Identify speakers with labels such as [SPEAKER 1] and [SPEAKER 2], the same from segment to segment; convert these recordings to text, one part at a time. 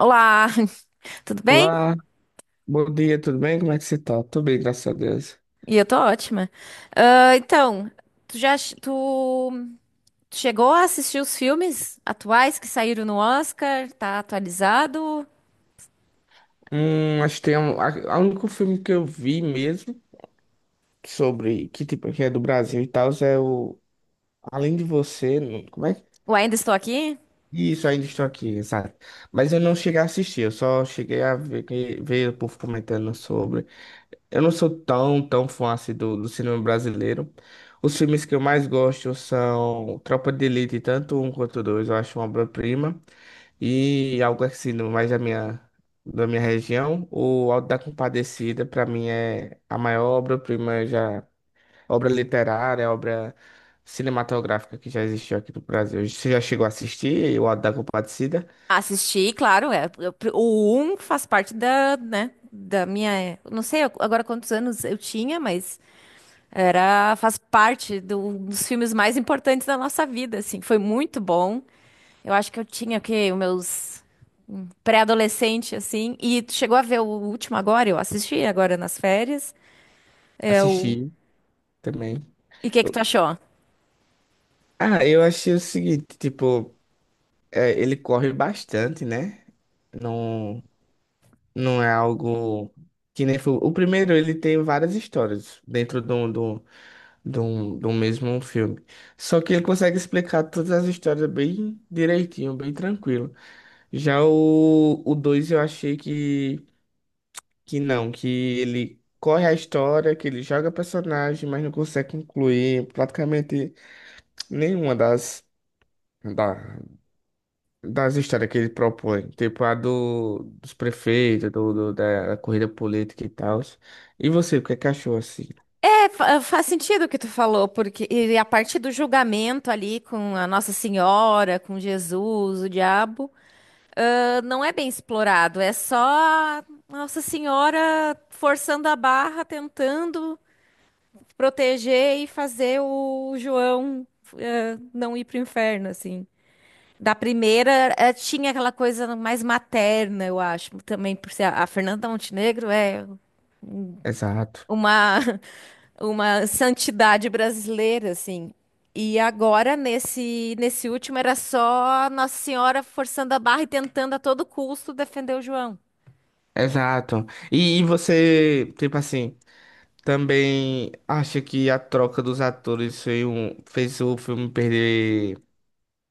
[SPEAKER 1] Olá, tudo bem?
[SPEAKER 2] Olá, bom dia, tudo bem? Como é que você tá? Tudo bem, graças a Deus.
[SPEAKER 1] E eu tô ótima. Ah, então, tu já ch- tu, tu chegou a assistir os filmes atuais que saíram no Oscar? Tá atualizado?
[SPEAKER 2] Acho que tem a único filme que eu vi mesmo sobre que tipo que é do Brasil e tal é o Além de Você, não- como é que
[SPEAKER 1] O ainda estou aqui?
[SPEAKER 2] isso, ainda estou aqui, exato. Mas eu não cheguei a assistir, eu só cheguei a ver, ver o povo comentando sobre. Eu não sou tão fã assim do cinema brasileiro. Os filmes que eu mais gosto são Tropa de Elite, tanto um quanto dois, eu acho uma obra-prima. E algo assim mais da minha região, o Auto da Compadecida, para mim, é a maior obra-prima já, obra literária, obra cinematográfica que já existiu aqui no Brasil. Você já chegou a assistir o Auto da Compadecida?
[SPEAKER 1] Assisti, claro, é. O um faz parte da, né, da minha, eu não sei agora quantos anos eu tinha, mas era faz parte dos filmes mais importantes da nossa vida, assim. Foi muito bom. Eu acho que eu tinha o quê? Os meus pré-adolescente, assim. E tu chegou a ver o último agora? Eu assisti agora nas férias. É o...
[SPEAKER 2] Assisti também.
[SPEAKER 1] E o que que tu
[SPEAKER 2] Eu-
[SPEAKER 1] achou?
[SPEAKER 2] Ah, eu achei o seguinte, tipo, é, ele corre bastante, né? Não. Não é algo que nem foi. O primeiro, ele tem várias histórias dentro do mesmo filme. Só que ele consegue explicar todas as histórias bem direitinho, bem tranquilo. Já o dois eu achei que não, que ele corre a história, que ele joga personagem, mas não consegue concluir praticamente nenhuma da das histórias que ele propõe, tipo a dos prefeitos, da corrida política e tal. E você, o que é que achou assim?
[SPEAKER 1] É, faz sentido o que tu falou, porque e a parte do julgamento ali com a Nossa Senhora, com Jesus, o diabo, ah, não é bem explorado. É só a Nossa Senhora forçando a barra, tentando proteger e fazer o João, não ir pro inferno, assim. Da primeira, tinha aquela coisa mais materna, eu acho. Também por ser a Fernanda Montenegro é
[SPEAKER 2] Exato,
[SPEAKER 1] uma, uma santidade brasileira, assim. E agora, nesse último, era só Nossa Senhora forçando a barra e tentando a todo custo defender o João.
[SPEAKER 2] exato. E você, tipo assim, também acha que a troca dos atores fez o filme perder,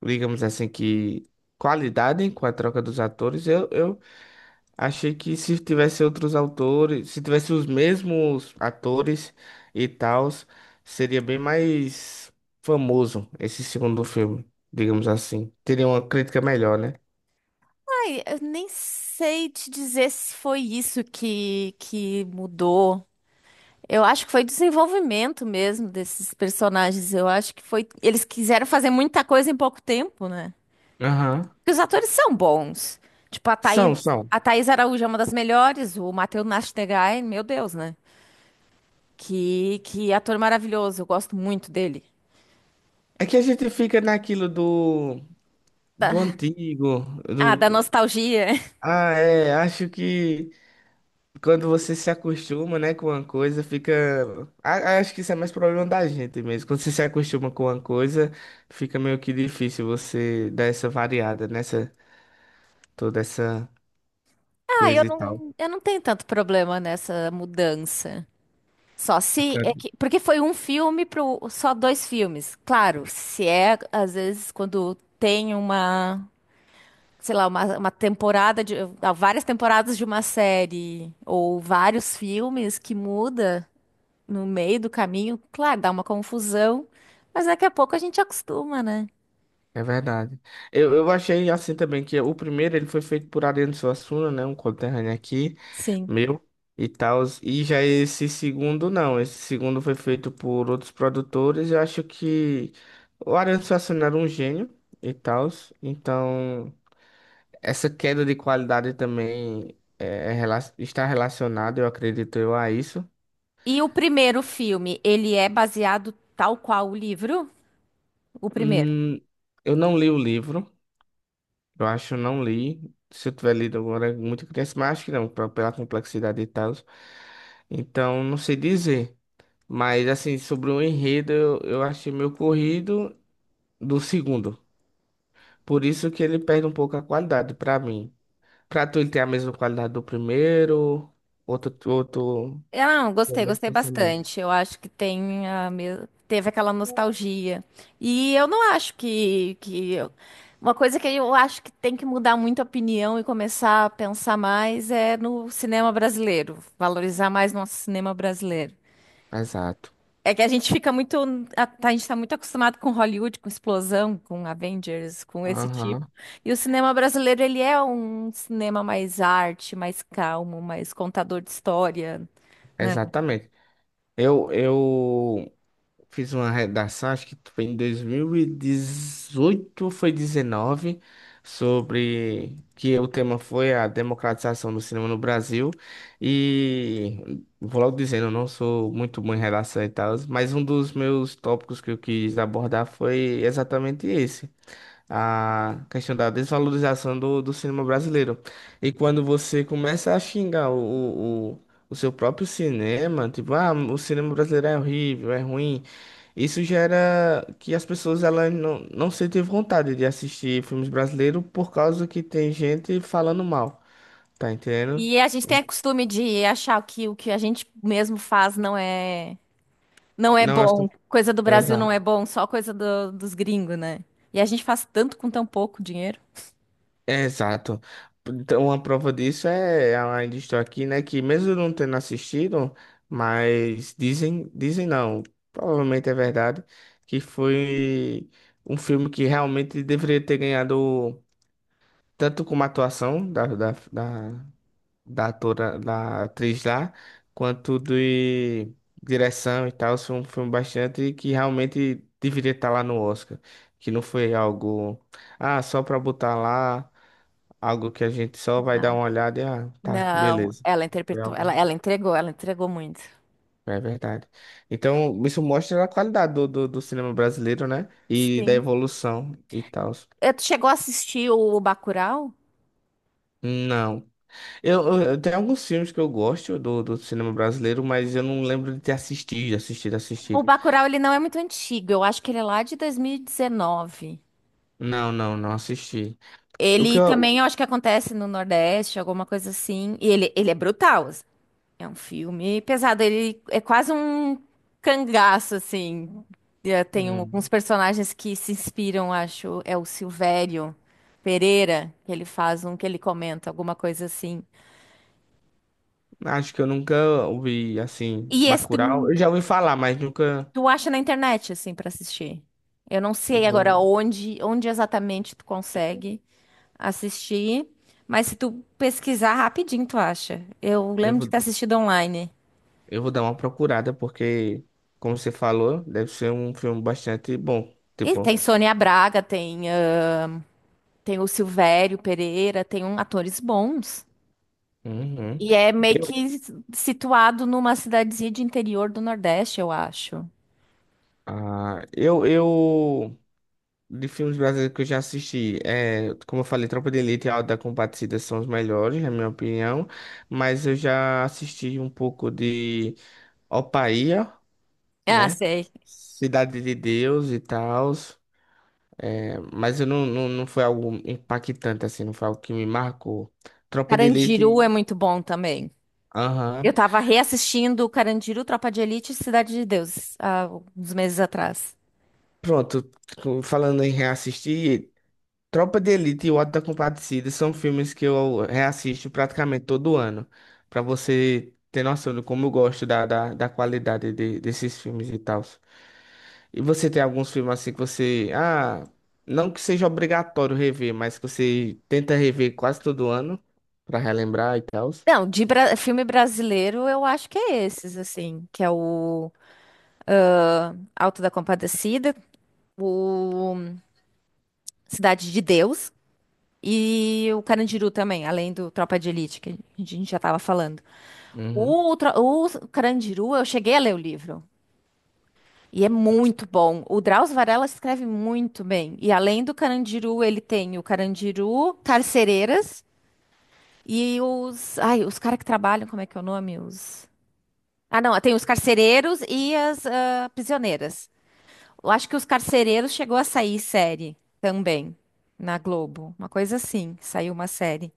[SPEAKER 2] digamos assim, que qualidade com a troca dos atores? Eu achei que se tivesse outros autores, se tivesse os mesmos atores e tal, seria bem mais famoso esse segundo filme, digamos assim. Teria uma crítica melhor, né?
[SPEAKER 1] Ai, eu nem sei te dizer se foi isso que mudou. Eu acho que foi desenvolvimento mesmo desses personagens. Eu acho que foi. Eles quiseram fazer muita coisa em pouco tempo, né?
[SPEAKER 2] Aham.
[SPEAKER 1] Porque os atores são bons. Tipo,
[SPEAKER 2] São, são.
[SPEAKER 1] a Thaís Araújo é uma das melhores, o Matheus Nachtergaele, meu Deus, né? Que ator maravilhoso, eu gosto muito dele.
[SPEAKER 2] É que a gente fica naquilo do
[SPEAKER 1] Da-
[SPEAKER 2] antigo,
[SPEAKER 1] ah,
[SPEAKER 2] do.
[SPEAKER 1] da nostalgia.
[SPEAKER 2] Ah, é, acho que. Quando você se acostuma, né, com uma coisa, fica. Acho que isso é mais problema da gente mesmo. Quando você se acostuma com uma coisa, fica meio que difícil você dar essa variada nessa, toda essa
[SPEAKER 1] Ah,
[SPEAKER 2] coisa e tal.
[SPEAKER 1] eu não tenho tanto problema nessa mudança. Só se é que, porque foi um filme pro só dois filmes. Claro, se é às vezes quando tem uma, sei lá, uma temporada de ah, várias temporadas de uma série ou vários filmes que muda no meio do caminho, claro, dá uma confusão, mas daqui a pouco a gente acostuma, né?
[SPEAKER 2] É verdade. Eu achei assim também que o primeiro ele foi feito por Ariano Suassuna, né, um conterrâneo aqui,
[SPEAKER 1] Sim.
[SPEAKER 2] meu e tal. E já esse segundo não, esse segundo foi feito por outros produtores. Eu acho que o Ariano Suassuna era um gênio e tal, então. Essa queda de qualidade também é está relacionada, eu acredito eu, a isso.
[SPEAKER 1] E o primeiro filme, ele é baseado tal qual o livro? O primeiro.
[SPEAKER 2] Hum, eu não li o livro, eu acho que eu não li. Se eu tiver lido agora, é muito criança, mas acho que não, pela complexidade e tal. Então, não sei dizer. Mas, assim, sobre o enredo, eu achei meio corrido do segundo. Por isso que ele perde um pouco a qualidade, pra mim. Pra tu, ele tem a mesma qualidade do primeiro, outro,
[SPEAKER 1] Eu não,
[SPEAKER 2] o
[SPEAKER 1] gostei,
[SPEAKER 2] mesmo
[SPEAKER 1] gostei
[SPEAKER 2] pensamento.
[SPEAKER 1] bastante. Eu acho que tem teve aquela nostalgia. E eu não acho que uma coisa que eu acho que tem que mudar muito a opinião e começar a pensar mais é no cinema brasileiro, valorizar mais nosso cinema brasileiro.
[SPEAKER 2] Exato.
[SPEAKER 1] É que a gente fica muito. A, tá, a gente tá muito acostumado com Hollywood, com explosão, com Avengers, com esse tipo.
[SPEAKER 2] Aham.
[SPEAKER 1] E o cinema brasileiro, ele é um cinema mais arte, mais calmo, mais contador de história, né?
[SPEAKER 2] Exatamente. Eu fiz uma redação, acho que foi em 2018 ou foi 19, sobre que o tema foi a democratização do cinema no Brasil. E vou logo dizendo, eu não sou muito bom em redação e tal, mas um dos meus tópicos que eu quis abordar foi exatamente esse a questão da desvalorização do cinema brasileiro. E quando você começa a xingar o, o o seu próprio cinema, tipo, ah, o cinema brasileiro é horrível, é ruim, isso gera que as pessoas elas não sentem vontade de assistir filmes brasileiros por causa que tem gente falando mal, tá entendendo?
[SPEAKER 1] E a gente tem o costume de achar que o que a gente mesmo faz não é
[SPEAKER 2] Não é.
[SPEAKER 1] bom. Coisa do Brasil não
[SPEAKER 2] Exato.
[SPEAKER 1] é bom, só coisa dos gringos, né? E a gente faz tanto com tão pouco dinheiro.
[SPEAKER 2] É, exato. Então, uma prova disso é, a ainda estou aqui, né? Que mesmo eu não tendo assistido, mas dizem não, provavelmente é verdade, que foi um filme que realmente deveria ter ganhado tanto como a atuação da atora, da atriz lá, quanto de direção e tal. Foi um filme bastante que realmente deveria estar lá no Oscar, que não foi algo, ah, só para botar lá. Algo que a gente só vai dar uma olhada e, ah, tá,
[SPEAKER 1] Não,
[SPEAKER 2] beleza.
[SPEAKER 1] ela
[SPEAKER 2] Foi
[SPEAKER 1] interpretou,
[SPEAKER 2] algo.
[SPEAKER 1] ela entregou muito.
[SPEAKER 2] É verdade. Então, isso mostra a qualidade do cinema brasileiro, né? E da
[SPEAKER 1] Sim.
[SPEAKER 2] evolução e tal.
[SPEAKER 1] Eh, tu chegou a assistir o Bacurau?
[SPEAKER 2] Não. Eu tenho alguns filmes que eu gosto do cinema brasileiro, mas eu não lembro de ter assistido, assistido,
[SPEAKER 1] O
[SPEAKER 2] assistido.
[SPEAKER 1] Bacurau, ele não é muito antigo. Eu acho que ele é lá de 2019.
[SPEAKER 2] Não, não, não assisti. O que
[SPEAKER 1] Ele
[SPEAKER 2] eu.
[SPEAKER 1] também, eu acho que acontece no Nordeste, alguma coisa assim. E ele é brutal assim. É um filme pesado. Ele é quase um cangaço, assim. Eh, tem alguns
[SPEAKER 2] hum,
[SPEAKER 1] personagens que se inspiram, acho. É o Silvério Pereira, que ele faz um que ele comenta, alguma coisa assim.
[SPEAKER 2] Acho que eu nunca ouvi, assim,
[SPEAKER 1] E esse tu
[SPEAKER 2] Bacurau. Eu já ouvi falar, mas nunca.
[SPEAKER 1] tu acha na internet, assim, pra assistir. Eu não sei agora
[SPEAKER 2] Vou,
[SPEAKER 1] onde exatamente tu consegue assistir, mas se tu pesquisar rapidinho, tu acha. Eu
[SPEAKER 2] eu
[SPEAKER 1] lembro de
[SPEAKER 2] vou.
[SPEAKER 1] ter assistido online.
[SPEAKER 2] Eu vou dar uma procurada, porque, como você falou, deve ser um filme bastante bom.
[SPEAKER 1] E
[SPEAKER 2] Tipo,
[SPEAKER 1] tem Sônia Braga, tem, ah, tem o Silvério Pereira, tem um, atores bons.
[SPEAKER 2] uhum.
[SPEAKER 1] E é meio
[SPEAKER 2] Eu,
[SPEAKER 1] que situado numa cidadezinha de interior do Nordeste, eu acho.
[SPEAKER 2] eu, de filmes brasileiros que eu já assisti, é, como eu falei, Tropa de Elite e Auto da Compadecida são os melhores, na minha opinião, mas eu já assisti um pouco de Opaía,
[SPEAKER 1] Ah,
[SPEAKER 2] né?
[SPEAKER 1] sei.
[SPEAKER 2] Cidade de Deus e tal, é, mas eu não foi algo impactante, assim, não foi algo que me marcou. Tropa de
[SPEAKER 1] Carandiru
[SPEAKER 2] Elite.
[SPEAKER 1] é muito bom também. Eu
[SPEAKER 2] Aham.
[SPEAKER 1] tava reassistindo Carandiru, Tropa de Elite e Cidade de Deus, há uns meses atrás.
[SPEAKER 2] Pronto, falando em reassistir, Tropa de Elite e O Auto da Compadecida são filmes que eu reassisto praticamente todo ano. Pra você ter noção de como eu gosto da qualidade desses filmes e tal. E você tem alguns filmes assim que você, ah, não que seja obrigatório rever, mas que você tenta rever quase todo ano pra relembrar e tal.
[SPEAKER 1] Não, de filme brasileiro, eu acho que é esses, assim, que é o Alto da Compadecida, o Cidade de Deus e o Carandiru também, além do Tropa de Elite, que a gente já tava falando.
[SPEAKER 2] Uhum.
[SPEAKER 1] O Carandiru, eu cheguei a ler o livro. E é muito bom. O Drauzio Varela escreve muito bem. E além do Carandiru, ele tem o Carandiru, Carcereiras, e os. Ai, os caras que trabalham, como é que é o nome? Os. Ah, não, tem os carcereiros e as ah, prisioneiras. Eu acho que os carcereiros chegou a sair série também na Globo. Uma coisa assim, saiu uma série.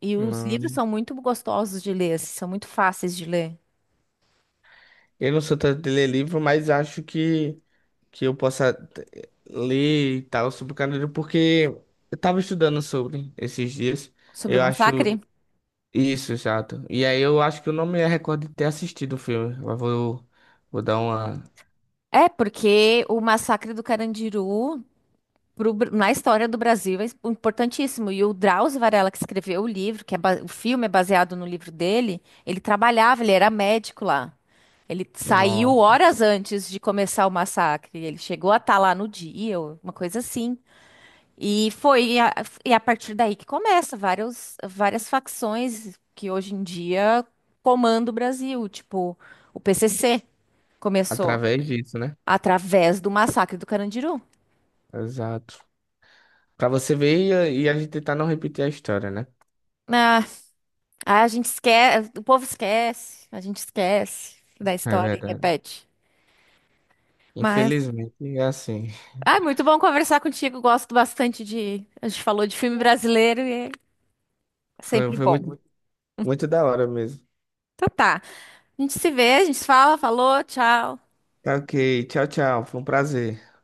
[SPEAKER 1] E os livros
[SPEAKER 2] Hum,
[SPEAKER 1] são muito gostosos de ler, assim, são muito fáceis de ler.
[SPEAKER 2] eu não sou tanto de ler livro, mas acho que eu possa ler e tal sobre o Carandiru, porque eu tava estudando sobre esses dias.
[SPEAKER 1] Sobre o
[SPEAKER 2] Eu acho
[SPEAKER 1] massacre?
[SPEAKER 2] isso, exato. E aí eu acho que eu não me recordo de ter assistido o filme. Vou dar uma.
[SPEAKER 1] É, porque o massacre do Carandiru pro na história do Brasil é importantíssimo. E o Drauzio Varela, que escreveu o livro, que é o filme é baseado no livro dele, ele trabalhava, ele era médico lá. Ele saiu
[SPEAKER 2] Nossa.
[SPEAKER 1] horas antes de começar o massacre. Ele chegou a estar lá no dia, ou uma coisa assim. E foi e a partir daí que começa vários, várias facções que hoje em dia comandam o Brasil, tipo o PCC começou
[SPEAKER 2] Através disso, né?
[SPEAKER 1] através do massacre do Carandiru.
[SPEAKER 2] Exato. Pra você ver e, a gente tentar não repetir a história, né?
[SPEAKER 1] Ah, Ah, a gente esquece, o povo esquece, a gente esquece da
[SPEAKER 2] É
[SPEAKER 1] história e
[SPEAKER 2] verdade.
[SPEAKER 1] repete. Mas,
[SPEAKER 2] Infelizmente, é assim.
[SPEAKER 1] ah, muito bom conversar contigo, gosto bastante de, a gente falou de filme brasileiro e é sempre
[SPEAKER 2] Foi
[SPEAKER 1] bom.
[SPEAKER 2] muito, muito da hora mesmo.
[SPEAKER 1] Então tá, a gente se vê, a gente se fala, falou, tchau.
[SPEAKER 2] Tá, ok. Tchau, tchau. Foi um prazer.